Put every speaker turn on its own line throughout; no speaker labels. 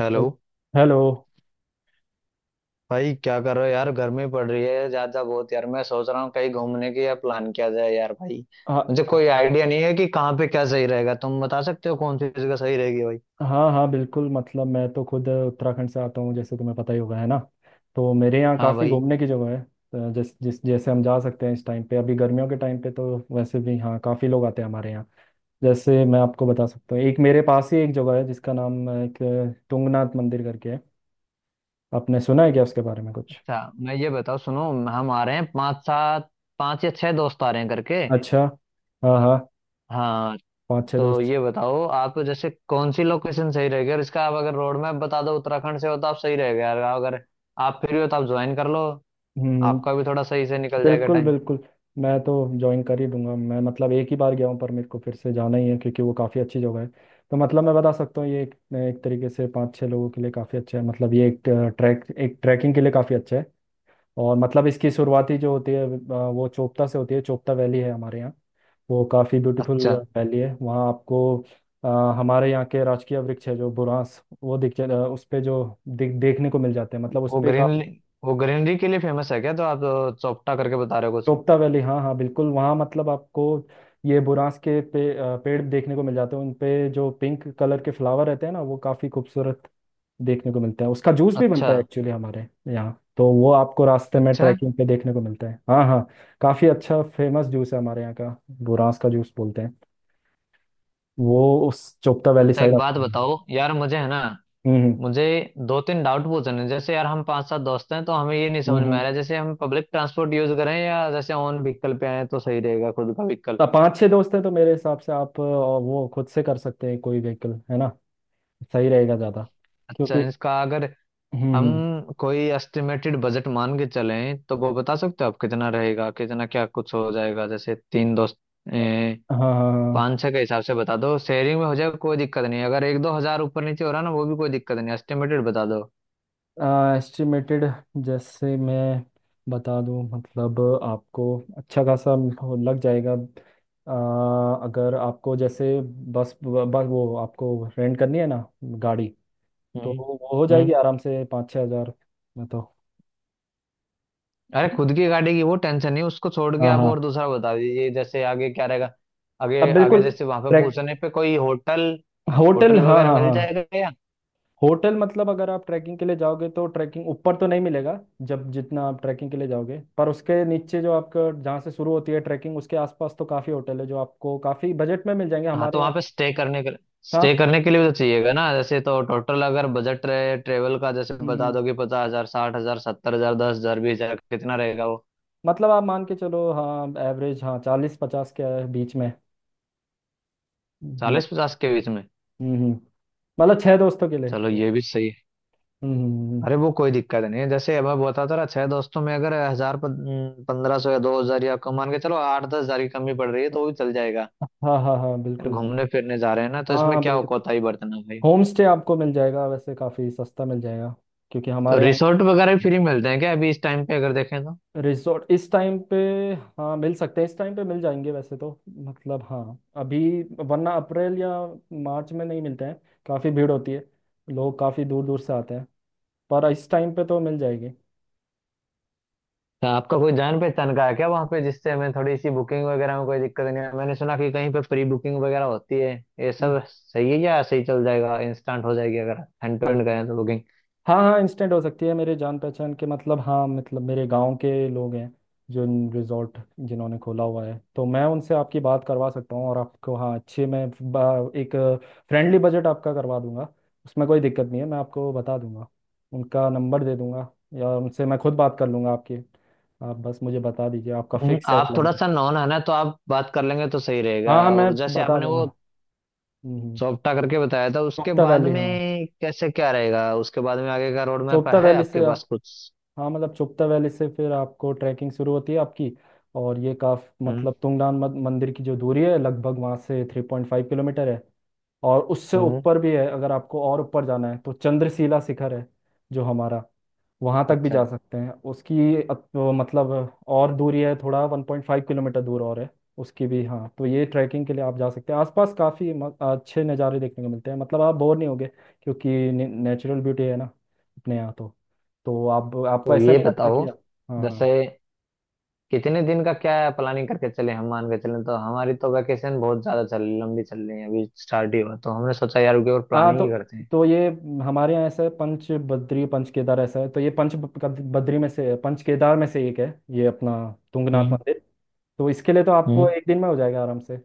Hello.
Hello.
भाई क्या कर रहे हो यार? गर्मी पड़ रही है ज्यादा बहुत यार। मैं सोच रहा हूँ कहीं घूमने की यार, प्लान किया जाए यार भाई। मुझे कोई
हाँ
आइडिया नहीं है कि कहाँ पे क्या सही रहेगा। तुम बता सकते हो कौन सी जगह सही रहेगी भाई?
हाँ, हाँ बिल्कुल। मतलब मैं तो खुद उत्तराखंड से आता हूँ, जैसे तुम्हें पता ही होगा है ना। तो मेरे यहाँ
हाँ
काफ़ी
भाई।
घूमने की जगह है, तो जिस जिस जैसे हम जा सकते हैं इस टाइम पे, अभी गर्मियों के टाइम पे तो वैसे भी हाँ काफ़ी लोग आते हैं हमारे यहाँ। जैसे मैं आपको बता सकता हूँ, एक मेरे पास ही एक जगह है जिसका नाम एक तुंगनाथ मंदिर करके है। आपने सुना है क्या उसके बारे में कुछ?
अच्छा, मैं ये बताओ, सुनो, हम आ रहे हैं पाँच सात, पाँच या छह दोस्त आ रहे हैं करके।
अच्छा। हाँ हाँ।
हाँ,
पाँच छः
तो
दोस्त।
ये बताओ आप जैसे कौन सी लोकेशन सही रहेगी, और इसका आप अगर रोड मैप बता दो। उत्तराखंड से हो तो आप सही रहेगा यार, अगर आप फ्री हो तो आप ज्वाइन कर लो,
हम्म।
आपका भी थोड़ा सही से निकल जाएगा
बिल्कुल
टाइम।
बिल्कुल। मैं तो ज्वाइन कर ही दूंगा। मैं मतलब एक ही बार गया हूँ, पर मेरे को फिर से जाना ही है क्योंकि वो काफ़ी अच्छी जगह है। तो मतलब मैं बता सकता हूँ ये एक तरीके से पाँच छः लोगों के लिए काफ़ी अच्छा है। मतलब ये एक ट्रैकिंग के लिए काफ़ी अच्छा है। और मतलब इसकी शुरुआती जो होती है वो चोपता से होती है। चोपता वैली है हमारे यहाँ। वो काफ़ी ब्यूटीफुल
अच्छा,
वैली है। वहाँ आपको अ, हमारे यहाँ के राजकीय वृक्ष है जो बुरांस, वो उस पे जो दिख देखने को मिल जाते हैं। मतलब उस
वो
पे काफ़ी।
ग्रीनरी, वो ग्रीनरी के लिए फेमस है क्या? तो आप चौपटा करके बता रहे हो कुछ?
चोपता वैली हाँ हाँ बिल्कुल। वहाँ मतलब आपको ये बुरांस के पेड़ देखने को मिल जाते हैं, उन पे जो पिंक कलर के फ्लावर रहते हैं ना, वो काफ़ी खूबसूरत देखने को मिलता है। उसका जूस भी
अच्छा।
बनता है एक्चुअली हमारे यहाँ, तो वो आपको रास्ते में
अच्छा,
ट्रैकिंग पे देखने को मिलता है। हाँ हाँ। काफ़ी अच्छा फेमस जूस है हमारे यहाँ का, बुरांस का जूस बोलते हैं। वो उस चोपता वैली
अच्छा,
साइड
एक बात
आपको।
बताओ यार मुझे, है ना?
हम्म।
मुझे दो तीन डाउट पूछने हैं। जैसे यार हम पांच सात दोस्त हैं तो हमें ये नहीं समझ
हम्म
में आ रहा
हम्म।
है, जैसे हम पब्लिक ट्रांसपोर्ट यूज करें या जैसे ओन व्हीकल पे आए तो सही रहेगा, खुद का व्हीकल।
तो पाँच छः दोस्त हैं तो मेरे हिसाब से आप वो खुद से कर सकते हैं, कोई व्हीकल है ना, सही रहेगा ज़्यादा।
अच्छा,
क्योंकि
इसका अगर
हम्म
हम
हम्म।
कोई एस्टिमेटेड बजट मान के चलें तो वो बता सकते हो आप कितना रहेगा, कितना क्या कुछ हो जाएगा? जैसे तीन दोस्त
हाँ
500 के हिसाब से बता दो, शेयरिंग में हो जाएगा, कोई दिक्कत नहीं। अगर एक दो हजार ऊपर नीचे हो रहा ना, वो भी कोई दिक्कत नहीं। एस्टिमेटेड बता दो।
एस्टिमेटेड। जैसे मैं बता दूं, मतलब आपको अच्छा खासा लग जाएगा। अगर आपको जैसे बस बस वो आपको रेंट करनी है ना गाड़ी, तो
हम्म,
वो हो
हम्म।
जाएगी आराम से 5-6 हज़ार में तो।
अरे खुद की गाड़ी की वो टेंशन नहीं, उसको छोड़ के
हाँ
आप और
हाँ।
दूसरा बता दीजिए, जैसे आगे क्या रहेगा?
अब
आगे आगे
बिल्कुल
जैसे वहां पे
ट्रैक
पूछने पे कोई होटल,
होटल
होटल
हाँ
वगैरह
हाँ
मिल
हाँ।
जाएगा या?
होटल मतलब अगर आप ट्रैकिंग के लिए जाओगे तो ट्रैकिंग ऊपर तो नहीं मिलेगा, जब जितना आप ट्रैकिंग के लिए जाओगे। पर उसके नीचे जो आपका जहाँ से शुरू होती है ट्रैकिंग, उसके आसपास तो काफ़ी होटल है जो आपको काफ़ी बजट में मिल जाएंगे
हाँ,
हमारे
तो
यहाँ।
वहां पे स्टे
हाँ।
करने के लिए भी तो चाहिएगा ना जैसे। तो टोटल अगर बजट रहे ट्रेवल का, जैसे
हम्म,
बता
हम्म।
दो कि 50,000, 60,000, 70,000, 10,000, 20,000, कितना रहेगा वो?
मतलब आप मान के चलो हाँ एवरेज हाँ चालीस पचास के बीच में। मतलब
चालीस पचास के बीच में?
हम्म हम्म। मतलब छह दोस्तों के लिए।
चलो, ये भी सही है।
हम्म, हम्म।
अरे वो कोई दिक्कत नहीं है, जैसे अब मैं बताता रहा छह दोस्तों में अगर हजार पंद्रह सौ या 2,000 या कम मान के चलो, आठ दस हजार की कमी पड़ रही है तो वो भी चल जाएगा।
हम्म। हाँ हाँ हाँ
फिर
बिल्कुल।
घूमने फिरने जा रहे हैं ना, तो
हाँ
इसमें
हाँ
क्या
बिल्कुल।
कोताही बरतना भाई।
होम स्टे आपको मिल जाएगा, वैसे काफ़ी सस्ता मिल जाएगा क्योंकि
तो
हमारे यहाँ।
रिसोर्ट वगैरह भी फ्री मिलते हैं क्या अभी इस टाइम पे अगर देखें तो?
रिजॉर्ट इस टाइम पे हाँ मिल सकते हैं, इस टाइम पे मिल जाएंगे वैसे तो। मतलब हाँ अभी। वरना अप्रैल या मार्च में नहीं मिलते हैं, काफ़ी भीड़ होती है, लोग काफ़ी दूर दूर से आते हैं। पर इस टाइम पे तो मिल जाएगी।
क्या आपका कोई जान पहचान का है क्या वहाँ पे, जिससे हमें थोड़ी सी बुकिंग वगैरह में कोई दिक्कत नहीं है? मैंने सुना कि कहीं पे प्री बुकिंग वगैरह होती है, ये
हम्म।
सब सही है या सही चल जाएगा, इंस्टेंट हो जाएगी अगर हैंड टू
हाँ,
हैंड गए तो बुकिंग?
हाँ हाँ इंस्टेंट हो सकती है। मेरे जान पहचान के मतलब हाँ, मतलब मेरे गांव के लोग हैं जो रिजॉर्ट जिन्होंने खोला हुआ है, तो मैं उनसे आपकी बात करवा सकता हूँ और आपको हाँ अच्छे मैं एक फ्रेंडली बजट आपका करवा दूंगा। उसमें कोई दिक्कत नहीं है, मैं आपको बता दूंगा, उनका नंबर दे दूंगा या उनसे मैं खुद बात कर लूंगा आपकी। आप बस मुझे बता दीजिए आपका फिक्स है
आप थोड़ा
प्लान।
सा नॉन है ना, तो आप बात कर लेंगे तो सही रहेगा।
हाँ हाँ मैं
और जैसे
बता
आपने वो
दूंगा। हम्म हम्म।
सौंपटा करके बताया था उसके
चोपता
बाद
वैली हाँ।
में कैसे क्या रहेगा, उसके बाद में आगे का रोड मैप
चोपता
है
वैली
आपके
से
पास
आप,
कुछ?
हाँ मतलब चुपता वैली से फिर आपको ट्रैकिंग शुरू होती है आपकी। और ये काफ
हम्म,
मतलब तुंगनाथ मंदिर की जो दूरी है लगभग वहाँ से 3.5 किलोमीटर है। और उससे
हम्म।
ऊपर भी है, अगर आपको और ऊपर जाना है तो चंद्रशिला शिखर है जो हमारा, वहाँ तक भी
अच्छा,
जा सकते हैं उसकी मतलब और दूरी है थोड़ा 1.5 किलोमीटर दूर और है उसकी भी। हाँ तो ये ट्रैकिंग के लिए आप जा सकते हैं। आसपास काफ़ी अच्छे नज़ारे देखने को मिलते हैं, मतलब आप बोर नहीं होगे क्योंकि नेचुरल ब्यूटी है ना अपने यहाँ तो। तो आप आपको
तो
ऐसा
ये
नहीं लगता कि
बताओ
आप। हाँ
जैसे
हाँ
कितने दिन का क्या प्लानिंग करके चले, हम मान के चले तो हमारी तो वैकेशन बहुत ज्यादा चल लंबी चल रही है, अभी स्टार्ट ही हुआ तो हमने सोचा यार उसके ऊपर
हाँ।
प्लानिंग ही करते हैं।
तो ये हमारे यहाँ ऐसा है, पंच बद्री पंच केदार ऐसा है। तो ये बद्री में से पंच केदार में से एक है, ये अपना तुंगनाथ
हम्म,
मंदिर। तो इसके लिए तो आपको
हम्म।
1 दिन में हो जाएगा आराम से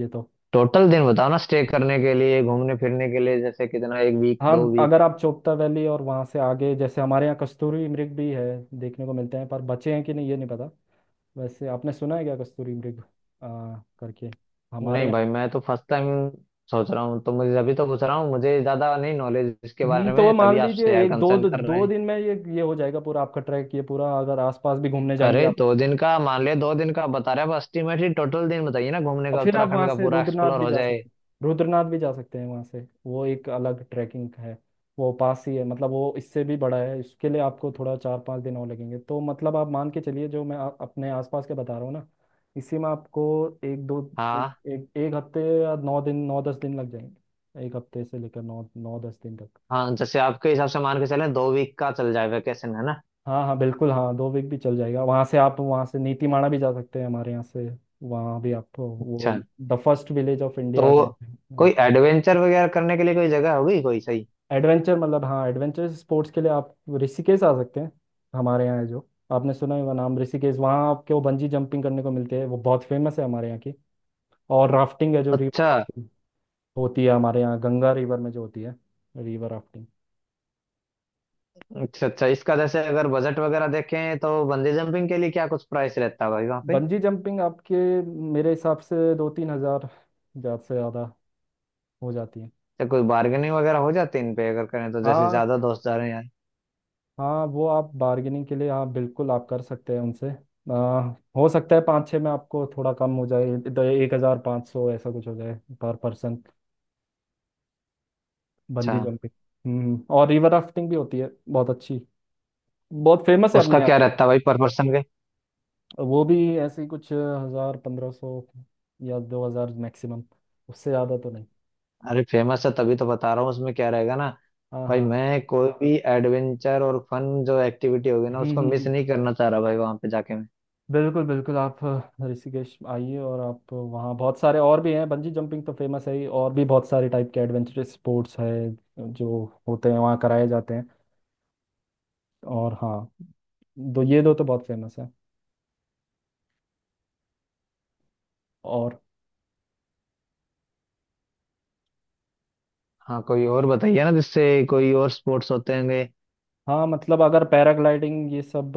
ये तो।
टोटल दिन बताओ ना स्टे करने के लिए, घूमने फिरने के लिए, जैसे कितना, एक वीक,
हाँ
दो
अगर
वीक
आप चोपता वैली और वहाँ से आगे, जैसे हमारे यहाँ कस्तूरी मृग भी है, देखने को मिलते हैं पर बचे हैं कि नहीं ये नहीं पता। वैसे आपने सुना है क्या कस्तूरी मृग करके हमारे
नहीं
यहाँ?
भाई, मैं तो फर्स्ट टाइम सोच रहा हूँ तो मुझे अभी तो पूछ रहा हूँ, मुझे ज्यादा नहीं नॉलेज इसके
हम्म।
बारे
तो वो
में, तभी
मान लीजिए
आपसे यार
एक दो
कंसर्न कर रहे
दो
हैं।
दिन में ये हो जाएगा पूरा आपका ट्रैक, ये पूरा अगर आसपास भी घूमने
अरे
जाएंगे।
2 दिन का मान लिया, 2 दिन का बता रहे हैं एस्टिमेट ही। टोटल दिन बताइए ना घूमने
और
का,
फिर आप
उत्तराखंड
वहाँ
का
से
पूरा एक्सप्लोर हो जाए।
रुद्रनाथ भी जा सकते हैं वहाँ से, वो एक अलग ट्रैकिंग है। वो पास ही है, मतलब वो इससे भी बड़ा है, इसके लिए आपको थोड़ा 4-5 दिन और लगेंगे। तो मतलब आप मान के चलिए जो मैं अपने आसपास के बता रहा हूँ ना, इसी में आपको एक दो एक
हाँ
एक, एक हफ्ते या 9-10 दिन लग जाएंगे, एक हफ्ते से लेकर नौ नौ दस दिन तक।
हाँ, जैसे आपके हिसाब से मान के चले 2 वीक का चल जाए वैकेशन, है ना?
हाँ हाँ बिल्कुल, हाँ 2 वीक भी चल जाएगा। वहाँ से आप, वहाँ से नीतीमाणा भी जा सकते हैं हमारे यहाँ से। वहाँ भी आप
अच्छा।
वो the first village of India
तो
कहते हैं।
कोई एडवेंचर वगैरह करने के लिए कोई जगह होगी कोई सही?
एडवेंचर मतलब हाँ एडवेंचर स्पोर्ट्स के लिए आप ऋषिकेश आ सकते हैं, हमारे यहाँ है जो, आपने सुना है वो नाम ऋषिकेश। वहाँ आपको बंजी जंपिंग करने को मिलते हैं, वो बहुत फेमस है हमारे यहाँ की। और राफ्टिंग है जो रिवर
अच्छा,
राफ्टिंग होती है हमारे यहाँ गंगा रिवर में जो होती है, रिवर राफ्टिंग।
अच्छा। अच्छा, इसका जैसे अगर बजट वगैरह देखें तो बंजी जंपिंग के लिए क्या कुछ प्राइस रहता है भाई वहाँ पे?
बंजी जंपिंग आपके मेरे हिसाब से 2-3 हज़ार ज़्यादा से ज़्यादा हो जाती है।
या कोई बार्गेनिंग वगैरह हो जाती है इन पे अगर करें तो, जैसे
हाँ
ज्यादा दोस्त जा रहे हैं यार।
हाँ वो आप बार्गेनिंग के लिए हाँ बिल्कुल आप कर सकते हैं उनसे। आ, हो सकता है पाँच छः में आपको थोड़ा कम हो जाए, तो 1,500 ऐसा कुछ हो जाए पर पर्सन,
अच्छा,
बंजी जंपिंग। हम्म। और रिवर राफ्टिंग भी होती है बहुत अच्छी, बहुत फेमस है
उसका
अपने यहाँ
क्या
पे।
रहता है भाई पर पर्सन के?
वो भी ऐसे ही कुछ हज़ार 1,500 या 2,000 मैक्सिमम, उससे ज़्यादा तो नहीं।
अरे फेमस है तभी तो बता रहा हूँ उसमें क्या रहेगा ना।
हाँ
भाई
हाँ हाँ।
मैं कोई भी एडवेंचर और फन जो एक्टिविटी होगी ना,
हम्म
उसको
हम्म,
मिस
हम्म।
नहीं करना चाह रहा भाई वहां पे जाके मैं।
बिल्कुल बिल्कुल आप ऋषिकेश आइए, और आप वहाँ बहुत सारे और भी हैं, बंजी जंपिंग तो फेमस है ही, और भी बहुत सारे टाइप के एडवेंचरस स्पोर्ट्स है जो होते हैं वहाँ, कराए जाते हैं। और हाँ दो ये दो तो बहुत फेमस है। और
हाँ, कोई और बताइए ना, जिससे कोई और स्पोर्ट्स होते होंगे।
हाँ मतलब अगर पैराग्लाइडिंग ये सब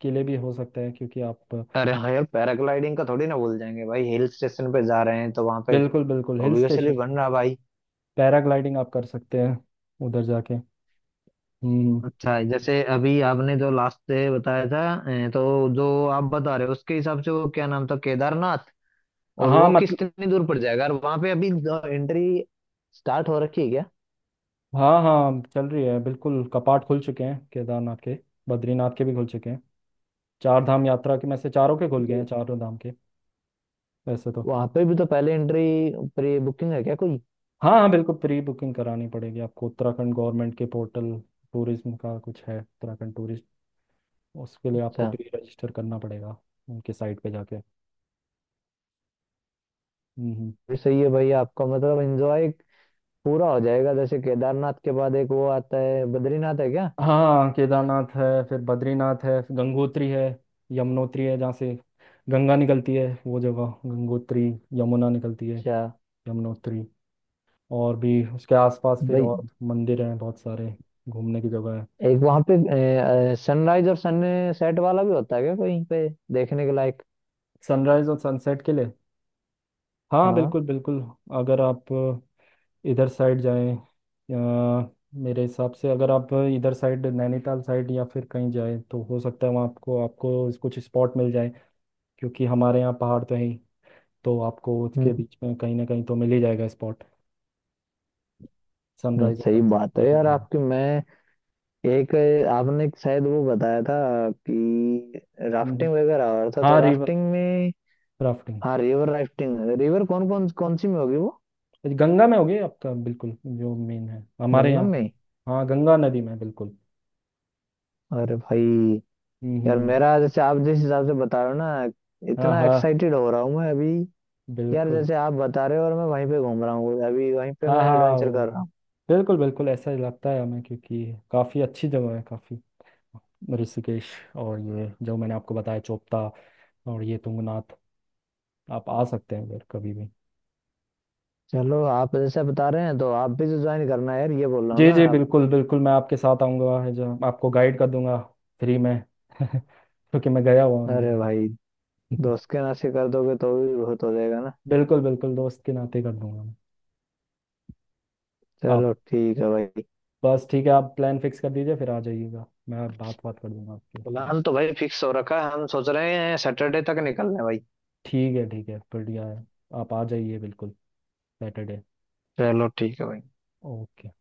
के लिए भी हो सकता है क्योंकि आप।
अरे हाँ यार, पैराग्लाइडिंग का थोड़ी ना भूल जाएंगे भाई, हिल स्टेशन पे जा रहे हैं तो वहां पे
बिल्कुल बिल्कुल हिल
ऑब्वियसली
स्टेशन।
बन रहा भाई।
पैराग्लाइडिंग आप कर सकते हैं उधर जाके। हम्म।
अच्छा, जैसे अभी आपने जो लास्ट से बताया था, तो जो आप बता रहे हो उसके हिसाब से, वो क्या नाम था, केदारनाथ? और
हाँ
वो
मतलब
कितनी दूर पड़ जाएगा, और वहां पे अभी एंट्री स्टार्ट हो रखी है क्या?
हाँ हाँ चल रही है बिल्कुल। कपाट खुल चुके हैं केदारनाथ के, बद्रीनाथ के भी खुल चुके हैं। चार धाम यात्रा के में से चारों के खुल गए हैं
तो
चारों धाम के। वैसे तो
वहां पे भी तो पहले एंट्री, प्री बुकिंग है क्या कोई?
हाँ हाँ बिल्कुल प्री बुकिंग करानी पड़ेगी आपको उत्तराखंड गवर्नमेंट के पोर्टल, टूरिज्म का कुछ है उत्तराखंड टूरिस्ट। उसके लिए आपको
अच्छा,
प्री रजिस्टर करना पड़ेगा उनके साइट पे जाके। हम्म हम्म।
ये सही है भाई आपका, मतलब एंजॉय पूरा हो जाएगा। जैसे केदारनाथ के बाद एक वो आता है बद्रीनाथ है क्या?
हाँ केदारनाथ है, फिर बद्रीनाथ है, फिर गंगोत्री है, यमुनोत्री है। जहाँ से गंगा निकलती है वो जगह गंगोत्री, यमुना निकलती है
अच्छा।
यमुनोत्री। और भी उसके आसपास फिर
भाई
और मंदिर हैं बहुत सारे, घूमने की जगह है।
एक वहां पे सनराइज और सनसेट वाला भी होता है क्या कहीं पे देखने के लायक?
सनराइज और सनसेट के लिए हाँ
हाँ।
बिल्कुल बिल्कुल, अगर आप इधर साइड जाएं या मेरे हिसाब से अगर आप इधर साइड नैनीताल साइड या फिर कहीं जाएं तो हो सकता है वहाँ आपको आपको कुछ स्पॉट मिल जाए, क्योंकि हमारे यहाँ पहाड़ तो है ही, तो आपको उसके
हम्म।
बीच में कहीं ना कहीं तो मिल ही जाएगा स्पॉट,
नहीं,
सनराइज और
सही
सनसेट
बात है
देखने
यार
के लिए।
आपकी। मैं एक, आपने एक शायद वो बताया था कि
हम्म, हम्म।
राफ्टिंग वगैरह हो रहा था, तो
हाँ रिवर
राफ्टिंग में,
राफ्टिंग।
हाँ रिवर राफ्टिंग, रिवर कौन कौन कौन सी में होगी वो?
गंगा में होगी आपका, बिल्कुल जो मेन है हमारे
गंगा
यहाँ।
में?
हाँ गंगा नदी में बिल्कुल।
अरे भाई।
हम्म
यार
हम्म, हम्म।
मेरा जैसे आप जिस हिसाब से बता रहे हो ना,
हाँ
इतना
हाँ
एक्साइटेड हो रहा हूँ मैं अभी कि यार
बिल्कुल।
जैसे आप बता रहे हो और मैं वहीं पे घूम रहा हूँ अभी, वहीं पे
हाँ
मैं
हाँ
एडवेंचर कर रहा
वो-,
हूँ।
बिल्कुल बिल्कुल ऐसा ही लगता है हमें, क्योंकि काफ़ी अच्छी जगह है काफ़ी, ऋषिकेश और ये जो मैंने आपको बताया चोपता और ये तुंगनाथ। आप आ सकते हैं उधर कभी भी।
चलो, आप जैसे बता रहे हैं तो आप भी तो ज्वाइन करना है यार, ये बोल रहा हूँ
जी
ना
जी
आप।
बिल्कुल बिल्कुल, मैं आपके साथ आऊँगा जो, आपको गाइड कर दूंगा फ्री में क्योंकि मैं गया हुआ हूँ जो।
अरे भाई, दोस्त के नाते कर दोगे तो भी बहुत हो जाएगा ना।
बिल्कुल बिल्कुल दोस्त के नाते कर दूंगा मैं। आप,
चलो ठीक है भाई।
बस ठीक है आप प्लान फिक्स कर दीजिए, फिर आ जाइएगा, मैं बात बात कर दूंगा आपकी। जी,
प्लान तो भाई फिक्स हो रखा है, हम सोच रहे हैं सैटरडे तक निकलने भाई।
ठीक है ठीक है, बढ़िया है। आप आ जाइए बिल्कुल। सैटरडे।
चलो ठीक है भाई।
ओके।